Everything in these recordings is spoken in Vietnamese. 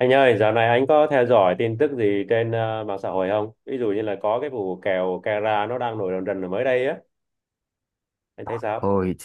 Anh ơi, dạo này anh có theo dõi tin tức gì trên mạng xã hội không? Ví dụ như là có cái vụ kèo Cara nó đang nổi rần rần ở mới đây á. Anh thấy sao? Ôi,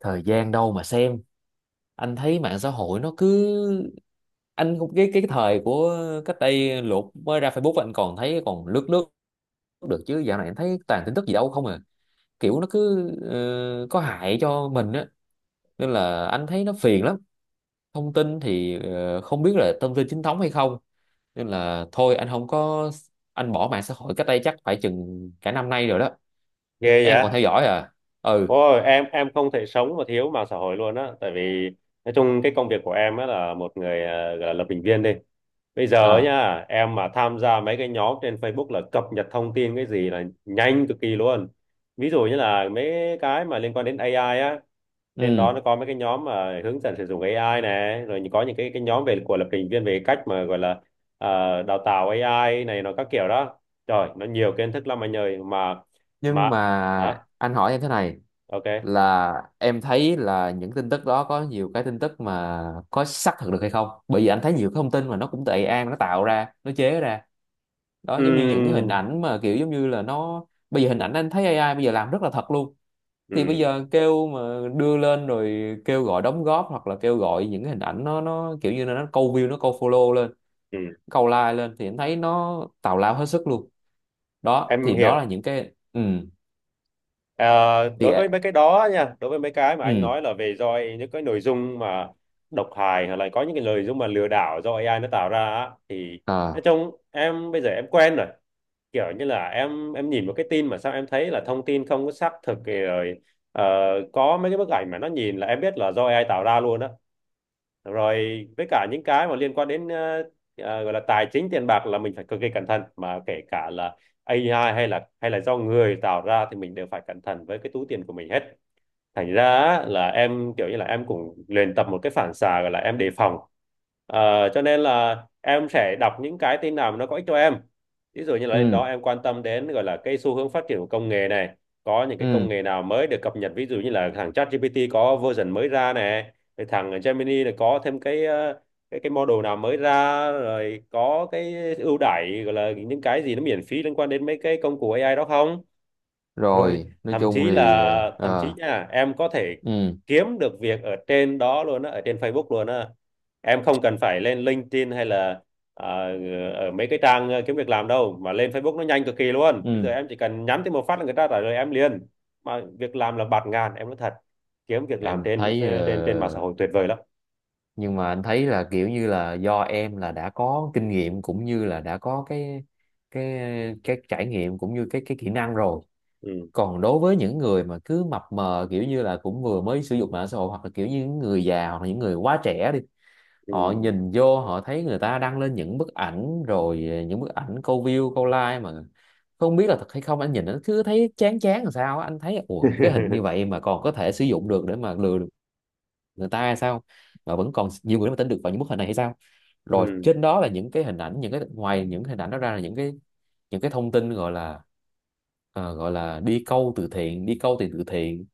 thời gian đâu mà xem. Anh thấy mạng xã hội nó cứ... Anh cũng cái thời của cách đây lụt mới ra Facebook anh còn thấy còn lướt lướt được, chứ dạo này anh thấy toàn tin tức gì đâu không à. Kiểu nó cứ có hại cho mình á. Nên là anh thấy nó phiền lắm. Thông tin thì không biết là thông tin chính thống hay không. Nên là thôi anh không có... Anh bỏ mạng xã hội cách đây chắc phải chừng cả năm nay rồi đó. Ghê Em vậy? còn theo dõi à? Ừ. Ôi, em không thể sống mà thiếu mạng xã hội luôn á. Tại vì nói chung cái công việc của em á là một người gọi là lập trình viên đi. Bây giờ á À. nha, em mà tham gia mấy cái nhóm trên Facebook là cập nhật thông tin cái gì là nhanh cực kỳ luôn. Ví dụ như là mấy cái mà liên quan đến AI á. Trên đó Ừ. nó có mấy cái nhóm mà hướng dẫn sử dụng AI này, rồi có những cái nhóm về của lập trình viên về cách mà gọi là đào tạo AI này, nó các kiểu đó. Trời, nó nhiều kiến thức lắm anh ơi, mà Nhưng mà mà hả, anh hỏi em thế này, ok. là em thấy là những tin tức đó có nhiều cái tin tức mà có xác thực được hay không, bởi vì anh thấy nhiều cái thông tin mà nó cũng từ AI nó tạo ra nó chế ra đó, giống như những cái hình Ừm, ảnh mà kiểu giống như là nó bây giờ hình ảnh anh thấy AI bây giờ làm rất là thật luôn. Thì bây ừm, giờ kêu mà đưa lên rồi kêu gọi đóng góp hoặc là kêu gọi những cái hình ảnh, nó kiểu như là nó câu view nó câu follow lên ừm. câu like lên thì anh thấy nó tào lao hết sức luôn đó. Em Thì đó hiểu. là những cái. Ừ, Ờ, thì đối với mấy cái đó nha, đối với mấy cái mà anh ừ nói là về do những cái nội dung mà độc hại, hoặc là có những cái nội dung mà lừa đảo do AI nó tạo ra á, thì nói à. chung em bây giờ em quen rồi. Kiểu như là em nhìn một cái tin mà sao em thấy là thông tin không có xác thực thì rồi ờ, có mấy cái bức ảnh mà nó nhìn là em biết là do AI tạo ra luôn á. Rồi với cả những cái mà liên quan đến gọi là tài chính tiền bạc là mình phải cực kỳ cẩn thận, mà kể cả là AI hay là do người tạo ra thì mình đều phải cẩn thận với cái túi tiền của mình hết. Thành ra là em kiểu như là em cũng luyện tập một cái phản xạ gọi là em đề phòng. Cho nên là em sẽ đọc những cái tin nào mà nó có ích cho em, ví dụ như là đó, Ừ em quan tâm đến gọi là cái xu hướng phát triển của công nghệ này, có những cái công ừ, nghệ nào mới được cập nhật, ví dụ như là thằng ChatGPT có version mới ra này, rồi thằng Gemini là có thêm cái cái model nào mới ra, rồi có cái ưu đãi gọi là những cái gì nó miễn phí liên quan đến mấy cái công cụ AI đó không, rồi rồi nói thậm chung chí thì là thậm chí ờ, nha, em có thể ừ kiếm được việc ở trên đó luôn á, ở trên Facebook luôn á, em không cần phải lên LinkedIn hay là ờ, ở mấy cái trang kiếm việc làm đâu, mà lên Facebook nó nhanh cực kỳ luôn. Bây giờ ừ, em chỉ cần nhắn tin một phát là người ta trả lời em liền, mà việc làm là bạt ngàn, em nói thật, kiếm việc làm em trên thấy ờ, trên trên mạng xã hội tuyệt vời lắm. nhưng mà anh thấy là kiểu như là do em là đã có kinh nghiệm cũng như là đã có cái cái trải nghiệm cũng như cái kỹ năng rồi. Ừ, Còn đối với những người mà cứ mập mờ kiểu như là cũng vừa mới sử dụng mạng xã hội hoặc là kiểu như những người già hoặc là những người quá trẻ đi, ừ. họ nhìn vô họ thấy người ta đăng lên những bức ảnh, rồi những bức ảnh câu view câu like mà không biết là thật hay không, anh nhìn anh cứ thấy chán chán làm sao á. Anh thấy ủa cái hình như vậy mà còn có thể sử dụng được để mà lừa được người ta hay sao, mà vẫn còn nhiều người mà tin được vào những bức hình này hay sao. Rồi Ừ, trên đó là những cái hình ảnh, những cái ngoài những hình ảnh đó ra là những cái thông tin gọi là gọi là đi câu từ thiện đi câu tiền từ thiện,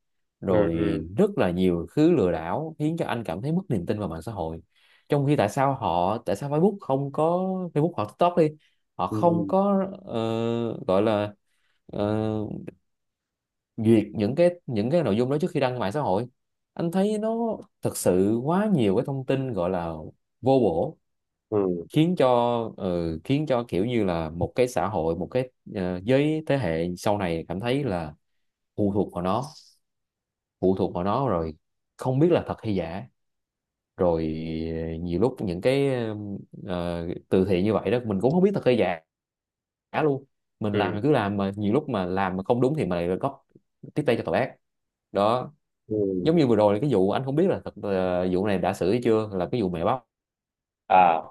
ừ, rồi rất là nhiều thứ lừa đảo khiến cho anh cảm thấy mất niềm tin vào mạng xã hội. Trong khi tại sao họ, tại sao Facebook không có, Facebook hoặc TikTok đi, họ ừ, không ừ, có gọi là ờ, duyệt những cái nội dung đó trước khi đăng mạng xã hội. Anh thấy nó thật sự quá nhiều cái thông tin gọi là vô bổ, ừ, khiến cho khiến cho kiểu như là một cái xã hội, một cái giới thế hệ sau này cảm thấy là phụ thuộc vào nó, phụ thuộc vào nó rồi không biết là thật hay giả. Rồi nhiều lúc những cái từ thiện như vậy đó mình cũng không biết thật hay giả luôn. Mình làm ừ, thì cứ làm, mà nhiều lúc mà làm mà không đúng thì mình lại góp tiếp tay cho tội ác đó. ừ. Giống như vừa rồi cái vụ anh không biết là thật, vụ này đã xử hay chưa, là cái vụ mẹ bắp. À,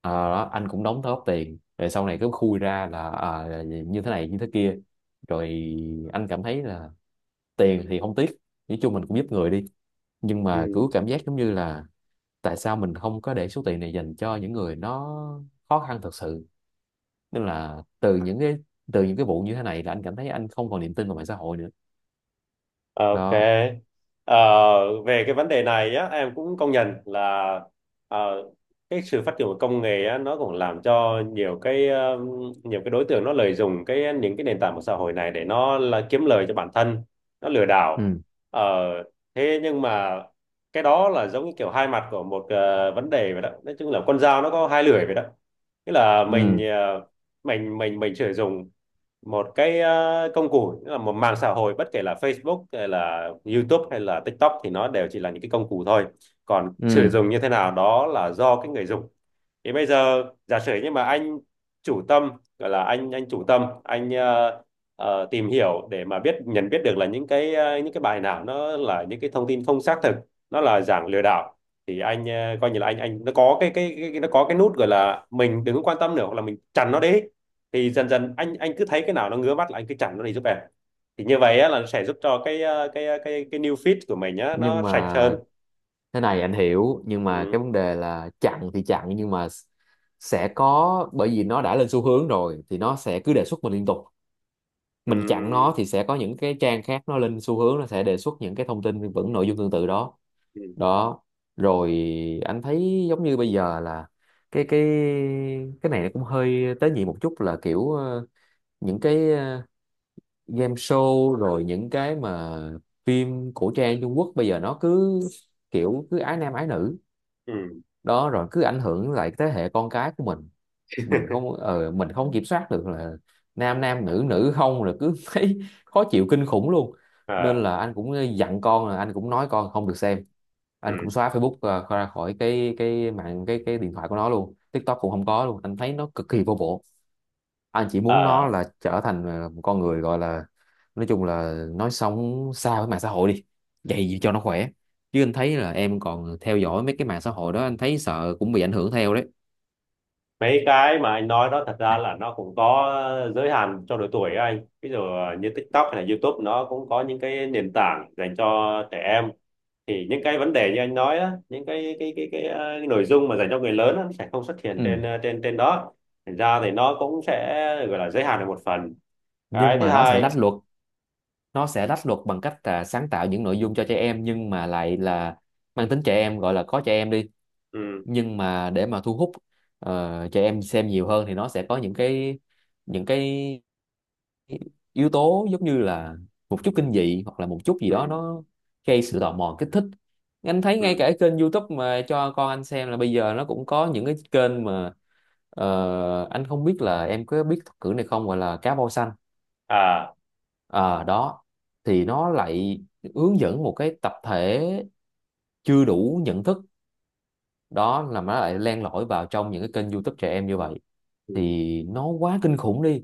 Ờ, đó, anh cũng đóng góp tiền rồi sau này cứ khui ra là à, là như thế này như thế kia. Rồi anh cảm thấy là tiền thì không tiếc, nói chung mình cũng giúp người đi, nhưng mà cứ ừ. cảm giác giống như là tại sao mình không có để số tiền này dành cho những người nó khó khăn thật sự. Nên là từ những cái, từ những cái vụ như thế này là anh cảm thấy anh không còn niềm tin vào mạng xã hội nữa Ok. đó. Ờ, về cái vấn đề này á, em cũng công nhận là ờ, cái sự phát triển của công nghệ á, nó cũng làm cho nhiều cái nhiều cái đối tượng nó lợi dụng cái những cái nền tảng của xã hội này để nó là kiếm lời cho bản thân, nó lừa đảo. Ừ, Ờ, Thế nhưng mà cái đó là giống như kiểu hai mặt của một vấn đề vậy đó. Nói chung là con dao nó có hai lưỡi vậy đó. Tức là mình ừ, ờ, mình mình mình sử dụng một cái công cụ, nghĩa là một mạng xã hội bất kể là Facebook hay là YouTube hay là TikTok thì nó đều chỉ là những cái công cụ thôi, còn sử ừ, dụng như thế nào đó là do cái người dùng. Thì bây giờ giả sử như mà anh chủ tâm, gọi là anh chủ tâm anh tìm hiểu để mà biết nhận biết được là những cái những cái bài nào nó là những cái thông tin không xác thực, nó là dạng lừa đảo, thì anh coi như là anh nó có cái nút gọi là mình đừng có quan tâm nữa, hoặc là mình chặn nó đi, thì dần dần anh cứ thấy cái nào nó ngứa mắt là anh cứ chặn nó đi giúp em, thì như vậy á, là nó sẽ giúp cho cái ờ, cái ờ, cái new feed của mình á, nhưng nó sạch hơn. mà thế này, anh hiểu, nhưng mà cái Ừ. vấn đề là chặn thì chặn, nhưng mà sẽ có, bởi vì nó đã lên xu hướng rồi thì nó sẽ cứ đề xuất mình liên tục, mình chặn nó Ừ. thì sẽ có những cái trang khác nó lên xu hướng nó sẽ đề xuất những cái thông tin vẫn nội dung tương tự đó. Ừ. Đó rồi, anh thấy giống như bây giờ là cái cái này nó cũng hơi tế nhị một chút, là kiểu những cái game show rồi những cái mà phim cổ trang Trung Quốc bây giờ nó cứ kiểu cứ ái nam ái nữ Ừ. đó, rồi cứ ảnh hưởng lại thế hệ con cái của mình không mình không kiểm soát được là nam nam nữ nữ không, rồi cứ thấy khó chịu kinh khủng luôn. Nên Ờ. là anh cũng dặn con, là anh cũng nói con không được xem, anh cũng Ừ. xóa Facebook ra khỏi cái mạng cái điện thoại của nó luôn, TikTok cũng không có luôn, anh thấy nó cực kỳ vô bổ. Anh chỉ muốn Ờ. nó là trở thành một con người gọi là nói chung là nói sống xa với mạng xã hội đi, vậy gì cho nó khỏe. Chứ anh thấy là em còn theo dõi mấy cái mạng xã hội đó, anh thấy sợ cũng bị ảnh hưởng theo đấy. Mấy cái mà anh nói đó thật ra là nó cũng có giới hạn cho độ tuổi ấy anh, ví dụ như TikTok hay là YouTube nó cũng có những cái nền tảng dành cho trẻ em, thì những cái vấn đề như anh nói á, những cái nội dung mà dành cho người lớn á, nó sẽ không xuất hiện trên Ừ. ờ, trên trên đó, thành ra thì nó cũng sẽ gọi là giới hạn được một phần. Cái Nhưng thứ mà nó sẽ hai, lách luật, nó sẽ lách luật bằng cách là sáng tạo những nội dung cho trẻ em, nhưng mà lại là mang tính trẻ em gọi là có trẻ em đi, ừ, nhưng mà để mà thu hút trẻ em xem nhiều hơn thì nó sẽ có những cái yếu tố giống như là một chút kinh dị hoặc là một chút gì ừ, đó nó gây sự tò mò kích thích. Anh thấy ngay ừ, cả cái kênh YouTube mà cho con anh xem là bây giờ nó cũng có những cái kênh mà anh không biết là em có biết thuật ngữ này không, gọi là cá voi xanh. à, Ờ, đó, thì nó lại hướng dẫn một cái tập thể chưa đủ nhận thức, đó là nó lại len lỏi vào trong những cái kênh YouTube trẻ em như vậy, ừ, thì nó quá kinh khủng đi.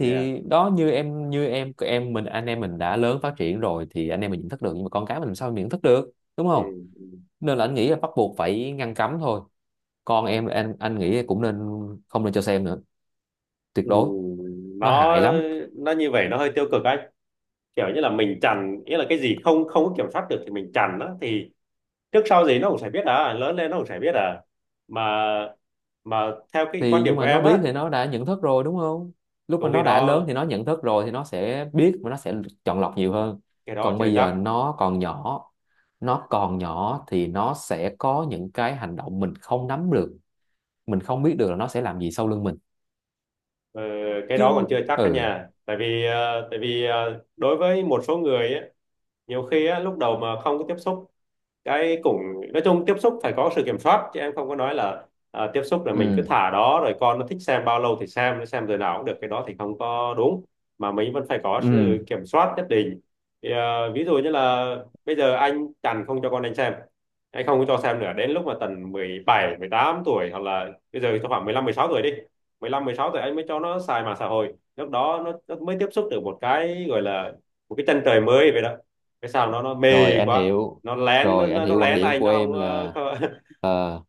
yeah, đó, như em, như em mình, anh em mình đã lớn phát triển rồi thì anh em mình nhận thức được, nhưng mà con cái mình làm sao mình nhận thức được, đúng ừ, không? ừ, Nên là anh nghĩ là bắt buộc phải ngăn cấm thôi. Con em, anh nghĩ cũng nên không nên cho xem nữa, tuyệt ừ. đối, nó nó hại lắm. nó như vậy nó hơi tiêu cực anh, kiểu như là mình chằn nghĩa là cái gì không không có kiểm soát được thì mình chằn á, thì trước sau gì nó cũng sẽ biết à, lớn lên nó cũng sẽ biết à, mà mà theo cái quan Thì điểm nhưng của mà nó em biết á, thì nó đã nhận thức rồi, đúng không? Lúc mà cũng cái nó đã lớn đó. thì nó nhận thức rồi thì nó sẽ biết và nó sẽ chọn lọc nhiều hơn. Cái đó Còn chưa bây chắc. giờ nó còn nhỏ, nó còn nhỏ thì nó sẽ có những cái hành động mình không nắm được, mình không biết được là nó sẽ làm gì sau lưng mình Ờ, cái đó còn chứ. chưa chắc đó Ừ, nhà, tại vì đối với một số người á, nhiều khi á, lúc đầu mà không có tiếp xúc cái cũng, nói chung tiếp xúc phải có sự kiểm soát, chứ em không có nói là tiếp xúc là mình cứ ừ, thả đó rồi con nó thích xem bao lâu thì xem, nó xem giờ nào cũng được, cái đó thì không có đúng, mà mình vẫn phải có sự ừ, kiểm soát nhất định. Thì, à, ví dụ như là bây giờ anh chằn không cho con anh xem, anh không có cho xem nữa đến lúc mà tầm 17 18 tuổi, hoặc là bây giờ cho khoảng 15, 16 tuổi đi, 15, 16 tuổi anh mới cho nó xài mạng xã hội, lúc đó nó mới tiếp xúc được một cái gọi là một cái chân trời mới vậy đó, cái sao nó mê rồi anh quá, hiểu, rồi anh nó hiểu quan lén điểm anh, của nó em là không- ờ,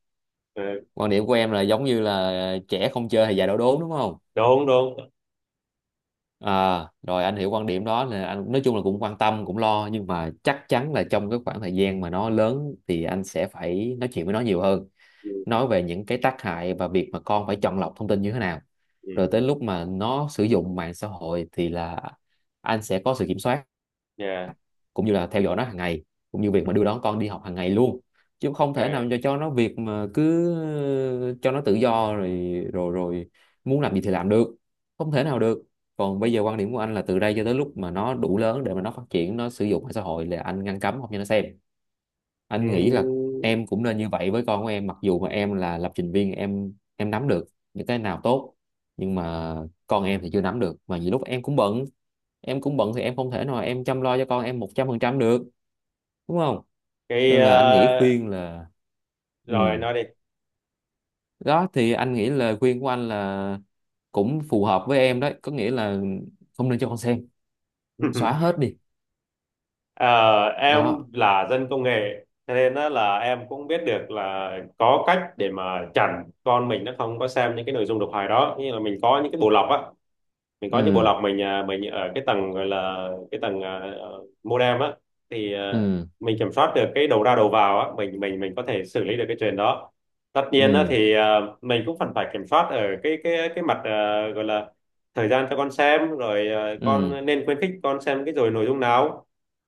ờ, quan điểm của em là giống như là trẻ không chơi thì già đổ đốn, đúng không? đúng, đúng. À rồi anh hiểu quan điểm đó, là anh nói chung là cũng quan tâm cũng lo, nhưng mà chắc chắn là trong cái khoảng thời gian mà nó lớn thì anh sẽ phải nói chuyện với nó nhiều hơn, Ừ, nói về những cái tác hại và việc mà con phải chọn lọc thông tin như thế nào. ừ, Rồi ừ. tới lúc mà nó sử dụng mạng xã hội thì là anh sẽ có sự kiểm soát, Yeah. cũng như là theo dõi nó hàng ngày, cũng như việc Ừ, mà đưa đón con đi học hàng ngày luôn. Chứ không thể nào ok. cho nó việc mà cứ cho nó tự do rồi, rồi rồi muốn làm gì thì làm được, không thể nào được. Còn bây giờ quan điểm của anh là từ đây cho tới lúc mà nó đủ lớn để mà nó phát triển, nó sử dụng mạng xã hội là anh ngăn cấm không cho nó xem. Anh nghĩ là Ừ, em cũng nên như vậy với con của em, mặc dù mà em là lập trình viên, em nắm được những cái nào tốt, nhưng mà con em thì chưa nắm được, mà nhiều lúc em cũng bận, em cũng bận thì em không thể nào em chăm lo cho con em 100% được, đúng không? cái Nên là anh nghĩ ờ, khuyên là, ừ, rồi nói đi. đó thì anh nghĩ lời khuyên của anh là cũng phù hợp với em đấy, có nghĩa là không nên cho con xem, xóa hết đi. Ờ, em Đó. là dân công nghệ cho nên đó là em cũng biết được là có cách để mà chặn con mình nó không có xem những cái nội dung độc hại đó, như là mình có những cái bộ lọc á, mình có những bộ Ừ, lọc, mình mình ở cái tầng, gọi là cái tầng modem á, thì ừ, mình kiểm soát được cái đầu ra đầu vào á, mình mình có thể xử lý được cái chuyện đó. Tất nhiên á ừ, thì mình cũng phần phải kiểm soát ở cái mặt gọi là thời gian cho con xem, rồi ừ, con nên khuyến khích con xem cái rồi nội dung nào,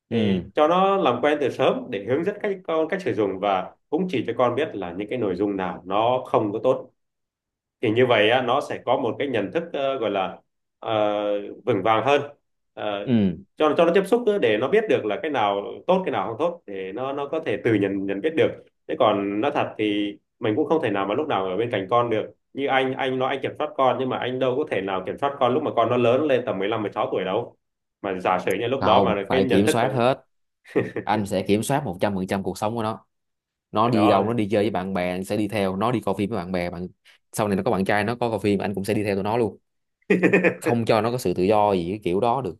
thì ừ, cho nó làm quen từ sớm để hướng dẫn cách con cách sử dụng, và cũng chỉ cho con biết là những cái nội dung nào nó không có tốt, thì như vậy á, nó sẽ có một cái nhận thức gọi là ờ, vững vàng hơn. Ờ, ừ, cho nó tiếp xúc để nó biết được là cái nào tốt cái nào không tốt, để nó có thể tự nhận nhận biết được. Thế còn nói thật thì mình cũng không thể nào mà lúc nào ở bên cạnh con được, như anh nói anh kiểm soát con nhưng mà anh đâu có thể nào kiểm soát con lúc mà con nó lớn lên tầm 15 16 tuổi đâu, mà giả sử như lúc đó không mà cái phải nhận kiểm thức mà soát hết, anh sẽ kiểm soát 100% cuộc sống của nó. Nó cái đi đâu, đó. nó đi chơi với bạn bè anh sẽ đi theo, nó đi coi phim với bạn bè bạn, sau này nó có bạn trai nó có coi phim anh cũng sẽ đi theo tụi nó luôn, không cho nó có sự tự do gì cái kiểu đó được.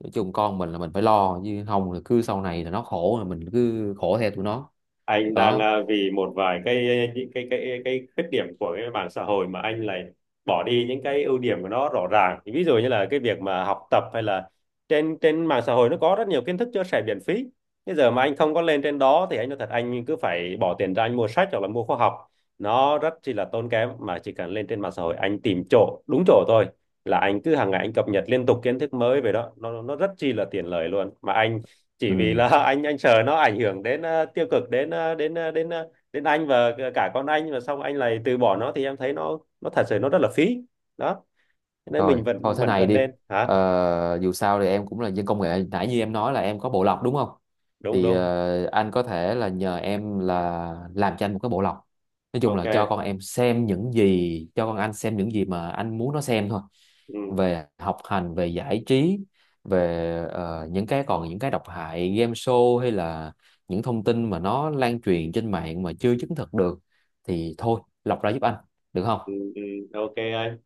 Nói chung con mình là mình phải lo, chứ không là cứ sau này là nó khổ là mình cứ khổ theo tụi nó Anh đang đó. Vì một vài cái, những cái khuyết điểm của cái mạng xã hội mà anh lại bỏ đi những cái ưu điểm của nó rõ ràng, ví dụ như là cái việc mà học tập, hay là trên trên mạng xã hội nó có rất nhiều kiến thức chia sẻ miễn phí, bây giờ mà anh không có lên trên đó thì anh nói thật, anh cứ phải bỏ tiền ra anh mua sách hoặc là mua khóa học, nó rất chỉ là tốn kém, mà chỉ cần lên trên mạng xã hội anh tìm chỗ đúng chỗ thôi là anh cứ hàng ngày anh cập nhật liên tục kiến thức mới về đó, nó rất chi là tiện lợi luôn mà anh, chỉ vì Ừ. là anh sợ nó ảnh hưởng đến tiêu cực đến anh và cả con anh, và xong anh lại từ bỏ nó thì em thấy nó thật sự nó rất là phí đó. Cho nên Rồi, mình thôi vẫn thế vẫn này vẫn đi. nên hả. Ờ, dù sao thì em cũng là dân công nghệ. Nãy như em nói là em có bộ lọc, đúng không? Đúng, Thì đúng. ờ, anh có thể là nhờ em là làm cho anh một cái bộ lọc. Nói chung là cho Ok. con em xem những gì, cho con anh xem những gì mà anh muốn nó xem thôi. Ừ, Về học hành, về giải trí, về những cái còn những cái độc hại game show hay là những thông tin mà nó lan truyền trên mạng mà chưa chứng thực được thì thôi lọc ra giúp anh, được không? ừ, ừ, ok anh.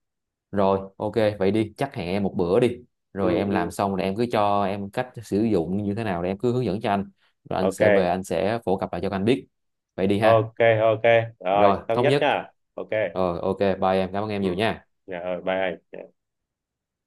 Rồi, ok, vậy đi, chắc hẹn em một bữa đi. Ừ, Rồi em làm ừ. xong rồi em cứ cho em cách sử dụng như thế nào để em cứ hướng dẫn cho anh. Rồi anh sẽ về Ok. anh sẽ phổ cập lại cho các anh biết. Vậy đi ha. Ok. Ok, rồi Rồi, thống thống nhất nhất. nha. Ok. Rồi, ok, bye em, cảm ơn em Ừ. nhiều nha. Dạ rồi bye anh.